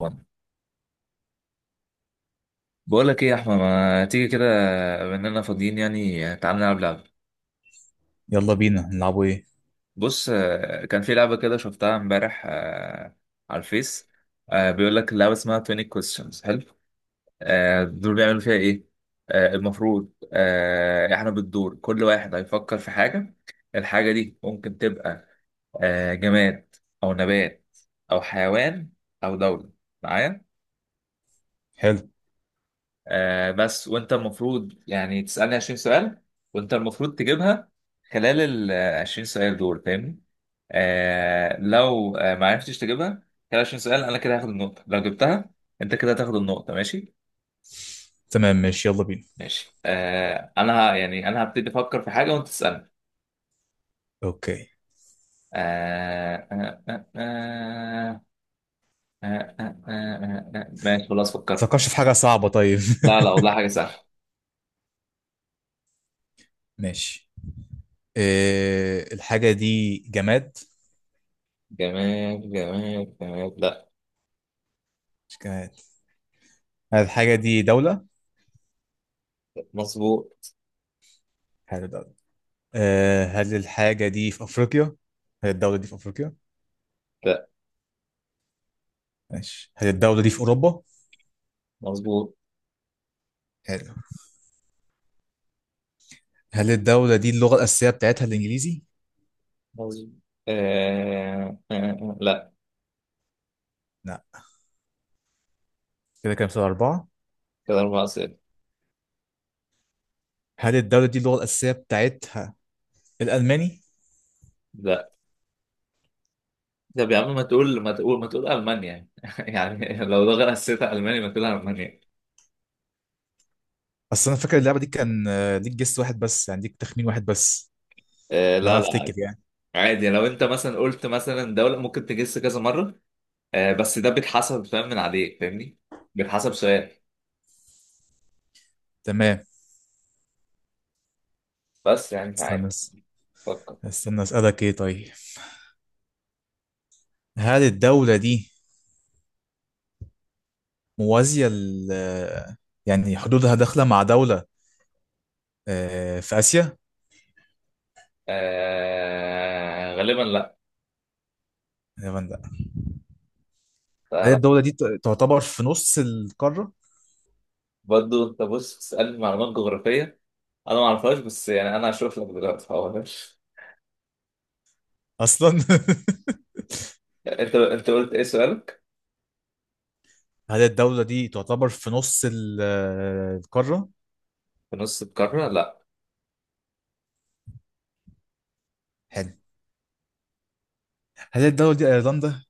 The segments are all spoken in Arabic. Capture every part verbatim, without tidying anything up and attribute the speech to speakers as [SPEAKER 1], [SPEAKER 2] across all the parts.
[SPEAKER 1] بقول لك ايه يا احمد، ما تيجي كده؟ بما اننا فاضيين يعني تعال نلعب لعبه.
[SPEAKER 2] يلا بينا نلعبوا ايه؟
[SPEAKER 1] بص، آه، كان في لعبه كده شفتها امبارح، آه، على الفيس. آه، بيقول لك اللعبه اسمها عشرين questions، حلو. آه، دول بيعملوا فيها ايه؟ آه، المفروض آه، احنا بالدور كل واحد هيفكر في حاجه. الحاجه دي ممكن تبقى آه، جماد او نبات او حيوان او دوله. معايا؟
[SPEAKER 2] حلو،
[SPEAKER 1] آه بس وانت المفروض يعني تسألني عشرين سؤال، وانت المفروض تجيبها خلال ال عشرين سؤال دول، فاهمني؟ آه لو آه ما عرفتش تجيبها خلال عشرين سؤال، انا كده هاخد النقطة. لو جبتها انت كده هتاخد النقطة. ماشي؟
[SPEAKER 2] تمام ماشي يلا بينا.
[SPEAKER 1] ماشي، آه انا ه- يعني انا هبتدي افكر في حاجة وانت تسألني.
[SPEAKER 2] اوكي،
[SPEAKER 1] آه آه آه آه آه آه آه آه. آه، آه، ماشي، خلاص فكرت.
[SPEAKER 2] فكرش في حاجة صعبة طيب.
[SPEAKER 1] لا، لا، والله حاجة سهلة.
[SPEAKER 2] ماشي. إيه الحاجة دي؟ جماد؟
[SPEAKER 1] جمال، جمال، جمال، لا.
[SPEAKER 2] مش جماد. هل الحاجة دي دولة؟
[SPEAKER 1] مظبوط.
[SPEAKER 2] حلو دولة. إيه، هل الحاجة دي في أفريقيا؟ هل الدولة دي في أفريقيا؟
[SPEAKER 1] لا.
[SPEAKER 2] ماشي، هل الدولة دي في أوروبا؟
[SPEAKER 1] مظبوط.
[SPEAKER 2] حلو. هل الدولة دي اللغة الأساسية بتاعتها الإنجليزي؟
[SPEAKER 1] عظيم. آه آه آه لا.
[SPEAKER 2] لا؟ كده كام سؤال، أربعة.
[SPEAKER 1] كده أربعة صفر.
[SPEAKER 2] هل الدولة دي اللغة الأساسية بتاعتها الألماني؟
[SPEAKER 1] لا. طب يا عم، ما تقول ما تقول ما تقول ألمانيا يعني لو ده غير حسيتها ألمانيا ما تقول ألمانيا.
[SPEAKER 2] أصل أنا فاكر اللعبة دي كان آه، ليك جس واحد بس، يعني ليك تخمين واحد بس
[SPEAKER 1] آه لا،
[SPEAKER 2] لما
[SPEAKER 1] لا،
[SPEAKER 2] افتكر
[SPEAKER 1] عادي.
[SPEAKER 2] يعني.
[SPEAKER 1] عادي لو أنت مثلا قلت مثلا دولة ممكن تجس كذا مرة. آه بس ده بيتحسب، فاهم؟ من عليك، فاهمني. بيتحسب سؤال.
[SPEAKER 2] تمام.
[SPEAKER 1] بس يعني أنت
[SPEAKER 2] استنى
[SPEAKER 1] عادي.
[SPEAKER 2] اس-
[SPEAKER 1] فكر.
[SPEAKER 2] استنى اسالك ايه طيب. هل الدوله دي موازيه ل، يعني حدودها داخله مع دوله آه، في اسيا؟
[SPEAKER 1] آه غالبا لا.
[SPEAKER 2] يا من لا.
[SPEAKER 1] لا،
[SPEAKER 2] هل
[SPEAKER 1] لا.
[SPEAKER 2] الدوله دي ت- تعتبر في نص القاره
[SPEAKER 1] برضه أنت بص، تسألني معلومات جغرافية أنا ما أعرفهاش، بس يعني أنا هشوف لك دلوقتي هقولها.
[SPEAKER 2] اصلا؟
[SPEAKER 1] أنت أنت قلت إيه سؤالك؟
[SPEAKER 2] هل الدوله دي تعتبر في نص ال- آه، القاره؟
[SPEAKER 1] في نص القارة، لا.
[SPEAKER 2] حلو. هل الدوله دي ايرلندا؟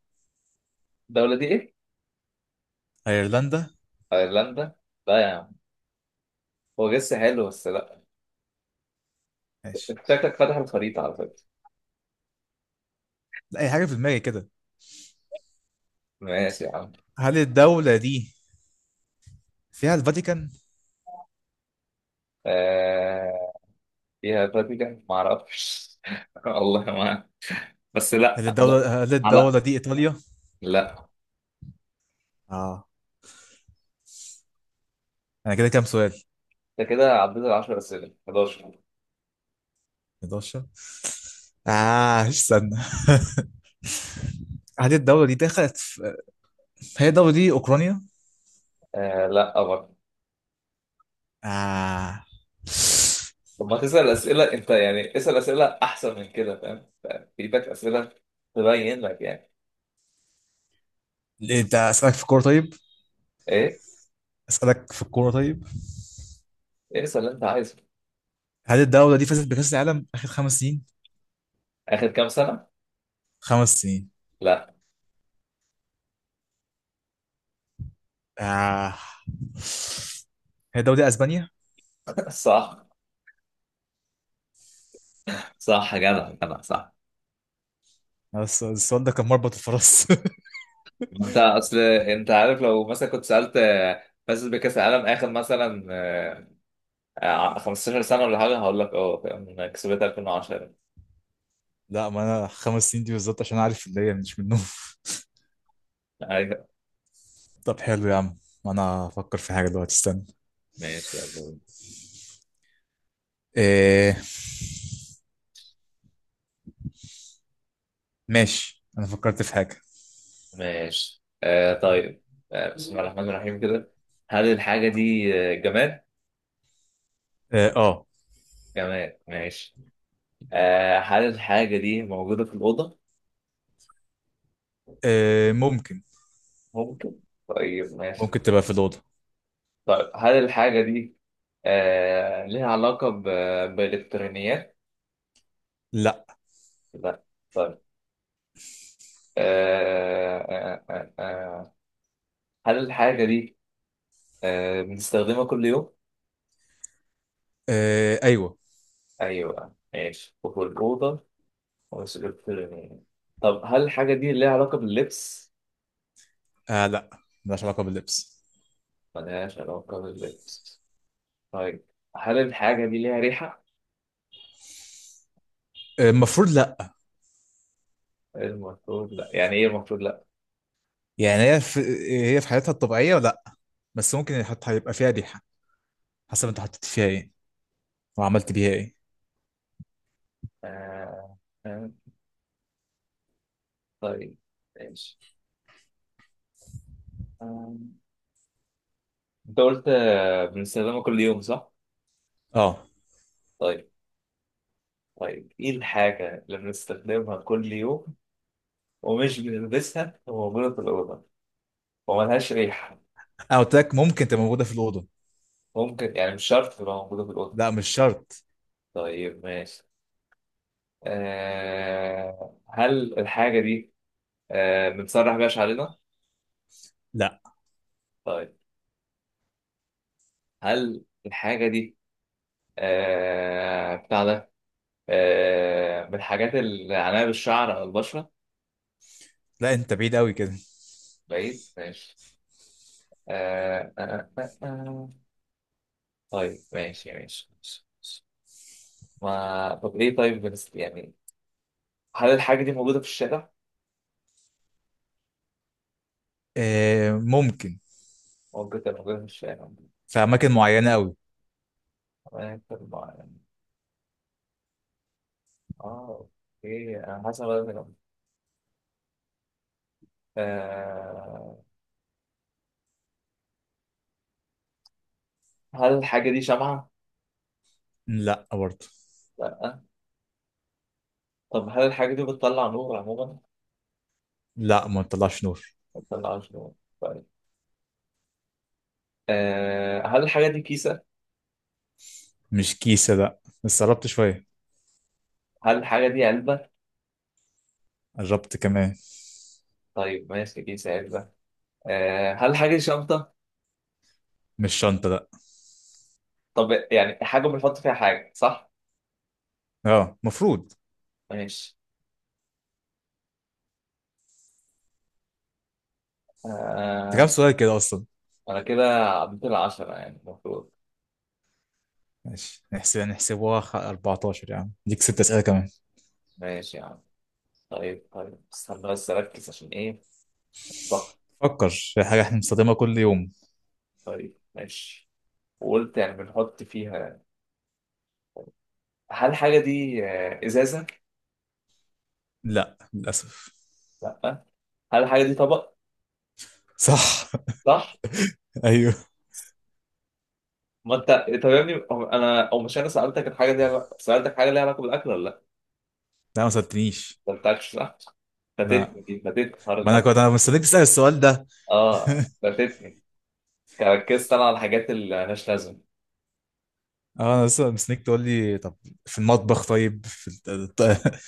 [SPEAKER 1] الدولة دي ايه؟
[SPEAKER 2] ايرلندا؟
[SPEAKER 1] ايرلندا؟ لا يا عم. هو جس حلو بس لا.
[SPEAKER 2] ماشي،
[SPEAKER 1] انت شكلك فاتح الخريطة على فكرة.
[SPEAKER 2] لا اي حاجه في دماغي كده.
[SPEAKER 1] ماشي يا عم.
[SPEAKER 2] هل الدوله دي فيها الفاتيكان؟
[SPEAKER 1] آه... فيها فاتيكان ما اعرفش والله ما أعرف. بس لا،
[SPEAKER 2] هل
[SPEAKER 1] لا.
[SPEAKER 2] الدوله هل
[SPEAKER 1] آه،
[SPEAKER 2] الدوله
[SPEAKER 1] لا.
[SPEAKER 2] دي ايطاليا؟
[SPEAKER 1] لا.
[SPEAKER 2] اه. انا كده كام سؤال؟
[SPEAKER 1] انت كده عديت ال عشرة اسئلة، حداشر.
[SPEAKER 2] أحد عشر؟ اه استنى. هذه الدولة دي دخلت في... هي الدولة دي أوكرانيا؟
[SPEAKER 1] آه لا برضه.
[SPEAKER 2] آه.
[SPEAKER 1] طب ما تسأل اسئلة انت، يعني اسأل اسئلة احسن من كده، فاهم؟ في ايدك اسئلة، تبين لك يعني.
[SPEAKER 2] ليه؟ انت اسالك في الكوره طيب؟
[SPEAKER 1] ايه؟
[SPEAKER 2] اسالك في الكوره طيب.
[SPEAKER 1] إيه، اسأل اللي انت عايزه.
[SPEAKER 2] هل الدوله دي فازت بكاس العالم اخر خمس سنين؟
[SPEAKER 1] اخر كام سنة؟
[SPEAKER 2] خمس سنين.
[SPEAKER 1] لا.
[SPEAKER 2] آه. هي الدوله دي اسبانيا؟
[SPEAKER 1] صح. صح يا جدع، جدع، صح.
[SPEAKER 2] بس السؤال ده كان مربط الفرس.
[SPEAKER 1] ما انت اصل انت عارف، لو مثلا كنت سالت آه، فاز بكاس العالم اخر مثلا، آه، آه، خمسة عشر سنه ولا حاجه، هقول لك اه فاهم، انا كسبتها ألفين وعشرة.
[SPEAKER 2] لا، ما انا خمس سنين دي بالظبط عشان عارف اللي هي مش منهم.
[SPEAKER 1] ايوه،
[SPEAKER 2] طب حلو يا عم، انا افكر في حاجه دلوقتي استنى.
[SPEAKER 1] ماشي، يلا.
[SPEAKER 2] إيه؟ ماشي انا فكرت في حاجه.
[SPEAKER 1] ماشي، آه طيب. آه بسم الله الرحمن الرحيم كده. هل الحاجه دي آه، جماد؟
[SPEAKER 2] اه آه.
[SPEAKER 1] جماد، ماشي. آه هل الحاجه دي موجوده في الاوضه؟
[SPEAKER 2] آه، ممكن.
[SPEAKER 1] ممكن. طيب ماشي.
[SPEAKER 2] ممكن تبقى في الاوضه.
[SPEAKER 1] طيب هل الحاجه دي آه ليها علاقه ب- بالالكترونيات؟
[SPEAKER 2] لا.
[SPEAKER 1] لا. طيب. آه، آه، آه، آه. آه، هل الحاجة دي آه، بنستخدمها كل يوم؟
[SPEAKER 2] آه ايوه.
[SPEAKER 1] أيوه ماشي، وفي الأوضة. وسجلت. طب هل الحاجة دي ليها علاقة باللبس؟
[SPEAKER 2] آه لا، ملهاش علاقه باللبس.
[SPEAKER 1] ملهاش علاقة باللبس. طيب. هل الحاجة دي ليها ريحة؟
[SPEAKER 2] آه، المفروض لا.
[SPEAKER 1] المفروض لأ. يعني إيه المفروض لأ؟
[SPEAKER 2] يعني هي في، هي في حالتها الطبيعيه لا، بس ممكن حت- هيبقى فيها ريحه حسب انت حطيت فيها ايه وعملت بيها ايه.
[SPEAKER 1] آه، آه، طيب ماشي. آه، أنت قلت آه، بنستخدمها كل يوم صح؟
[SPEAKER 2] اه.
[SPEAKER 1] طيب، طيب، إيه الحاجة اللي بنستخدمها كل يوم ومش بنلبسها وموجودة في الأوضة؟ وملهاش ريحة؟
[SPEAKER 2] انا قلت لك ممكن تبقى موجوده في الاوضه.
[SPEAKER 1] ممكن يعني مش شرط تبقى موجودة في الأوضة.
[SPEAKER 2] لا مش شرط.
[SPEAKER 1] طيب ماشي. أه هل الحاجة دي أه بنسرح بيها شعرنا؟
[SPEAKER 2] لا،
[SPEAKER 1] طيب. هل الحاجة دي أه بتاع ده أه من الحاجات اللي عليها بالشعر أو البشرة؟
[SPEAKER 2] لا انت بعيد قوي كده.
[SPEAKER 1] بعيد ماشي. أه أه أه أه. آه. طيب، ماشي، ماشي، ماشي، ماشي. ما طب إيه طيب، بنس... يعني، هل الحاجة دي موجودة في الشارع؟
[SPEAKER 2] آه ممكن،
[SPEAKER 1] ممكن تبقى موجودة في
[SPEAKER 2] في اماكن معينه قوي.
[SPEAKER 1] الشارع. اه. اوكي، انا حاسس إن أنا بدأت أجمع. آه هل الحاجة دي شمعة؟
[SPEAKER 2] لا برضه.
[SPEAKER 1] لا. طب هل الحاجة دي بتطلع نور عموما؟
[SPEAKER 2] لا ما بتطلعش نور.
[SPEAKER 1] ما بتطلعش نور. طيب. آه هل الحاجة دي كيسة؟
[SPEAKER 2] مش كيسه لا، بس قربت شويه.
[SPEAKER 1] هل الحاجة دي علبة؟
[SPEAKER 2] قربت كمان.
[SPEAKER 1] طيب ماشي، كيسة، علبة. آه هل الحاجة دي شنطة؟
[SPEAKER 2] مش شنطة لا.
[SPEAKER 1] طب يعني حاجة بنحط فيها حاجة صح؟
[SPEAKER 2] اه المفروض.
[SPEAKER 1] ماشي.
[SPEAKER 2] ده كام
[SPEAKER 1] آه
[SPEAKER 2] سؤال كده اصلا؟
[SPEAKER 1] أنا كده عديت العشرة يعني المفروض.
[SPEAKER 2] ماشي نحسب نحسبوها خ- أربعة عشر يا عم، ليك ست اسئلة كمان.
[SPEAKER 1] ماشي يا عم. طيب، طيب، استنى بس أركز، عشان إيه؟ ضغط.
[SPEAKER 2] فكر في حاجة احنا بنستخدمها كل يوم.
[SPEAKER 1] طيب ماشي، وقلت يعني بنحط فيها. هل الحاجة دي آه، إزازة؟
[SPEAKER 2] لا للأسف.
[SPEAKER 1] لأ. هل الحاجة دي طبق؟
[SPEAKER 2] صح؟
[SPEAKER 1] صح؟
[SPEAKER 2] ايوه.
[SPEAKER 1] ما أنت طب يا ابني، أو- أنا أو مش أنا سألتك الحاجة دي عل- سألتك حاجة ليها علاقة بالأكل ولا لأ؟
[SPEAKER 2] لا ما سألتنيش.
[SPEAKER 1] ما أنتكش صح؟
[SPEAKER 2] لا،
[SPEAKER 1] فاتتني دي فاتتني حوار
[SPEAKER 2] ما انا
[SPEAKER 1] الأكل.
[SPEAKER 2] كنت انا مستنيك تسأل السؤال ده.
[SPEAKER 1] آه فاتتني. ركزت أنا على الحاجات اللي مالهاش لازمة.
[SPEAKER 2] اه انا لسه مستنيك تقول لي طب في المطبخ، طيب في الت- الت-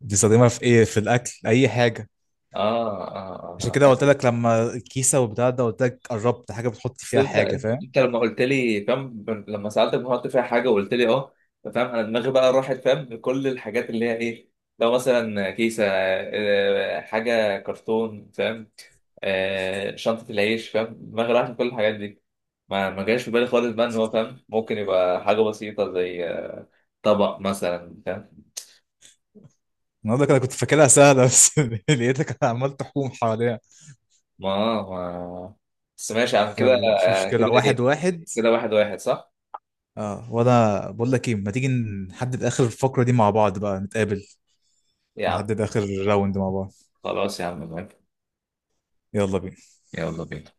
[SPEAKER 2] بتستخدمها في ايه؟ في الاكل اي حاجة.
[SPEAKER 1] آه آه
[SPEAKER 2] عشان
[SPEAKER 1] آه
[SPEAKER 2] كده
[SPEAKER 1] آه.
[SPEAKER 2] قلت لك لما الكيسة وبتاع ده، قلت لك قربت، حاجة بتحط
[SPEAKER 1] بس
[SPEAKER 2] فيها
[SPEAKER 1] انت،
[SPEAKER 2] حاجة فاهم.
[SPEAKER 1] انت لما قلت لي فاهم، لما سالتك بحط فيها حاجه وقلت لي اه، فاهم، انا دماغي بقى راحت فاهم لكل الحاجات اللي هي ايه. لو مثلا كيسه، آه، حاجه كرتون، فاهم. آه، شنطه العيش، فاهم، دماغي راحت لكل الحاجات دي. ما ما جاش في بالي خالص بقى ان هو فاهم ممكن يبقى حاجه بسيطه زي طبق مثلا، فاهم.
[SPEAKER 2] النهارده كده كنت فاكرها سهلة، بس لقيتك عمال تحوم حواليها.
[SPEAKER 1] ما ما بس ماشي يا عم كده.
[SPEAKER 2] يلا مش
[SPEAKER 1] آه، كده
[SPEAKER 2] مشكلة، واحد
[SPEAKER 1] ايه؟
[SPEAKER 2] واحد.
[SPEAKER 1] كده واحد واحد صح.
[SPEAKER 2] اه وانا بقول لك ايه، ما تيجي نحدد اخر الفقرة دي مع بعض بقى، نتقابل
[SPEAKER 1] يا عم.
[SPEAKER 2] نحدد اخر راوند مع بعض.
[SPEAKER 1] خلاص يا عم، موافق.
[SPEAKER 2] يلا بينا.
[SPEAKER 1] يلا بينا.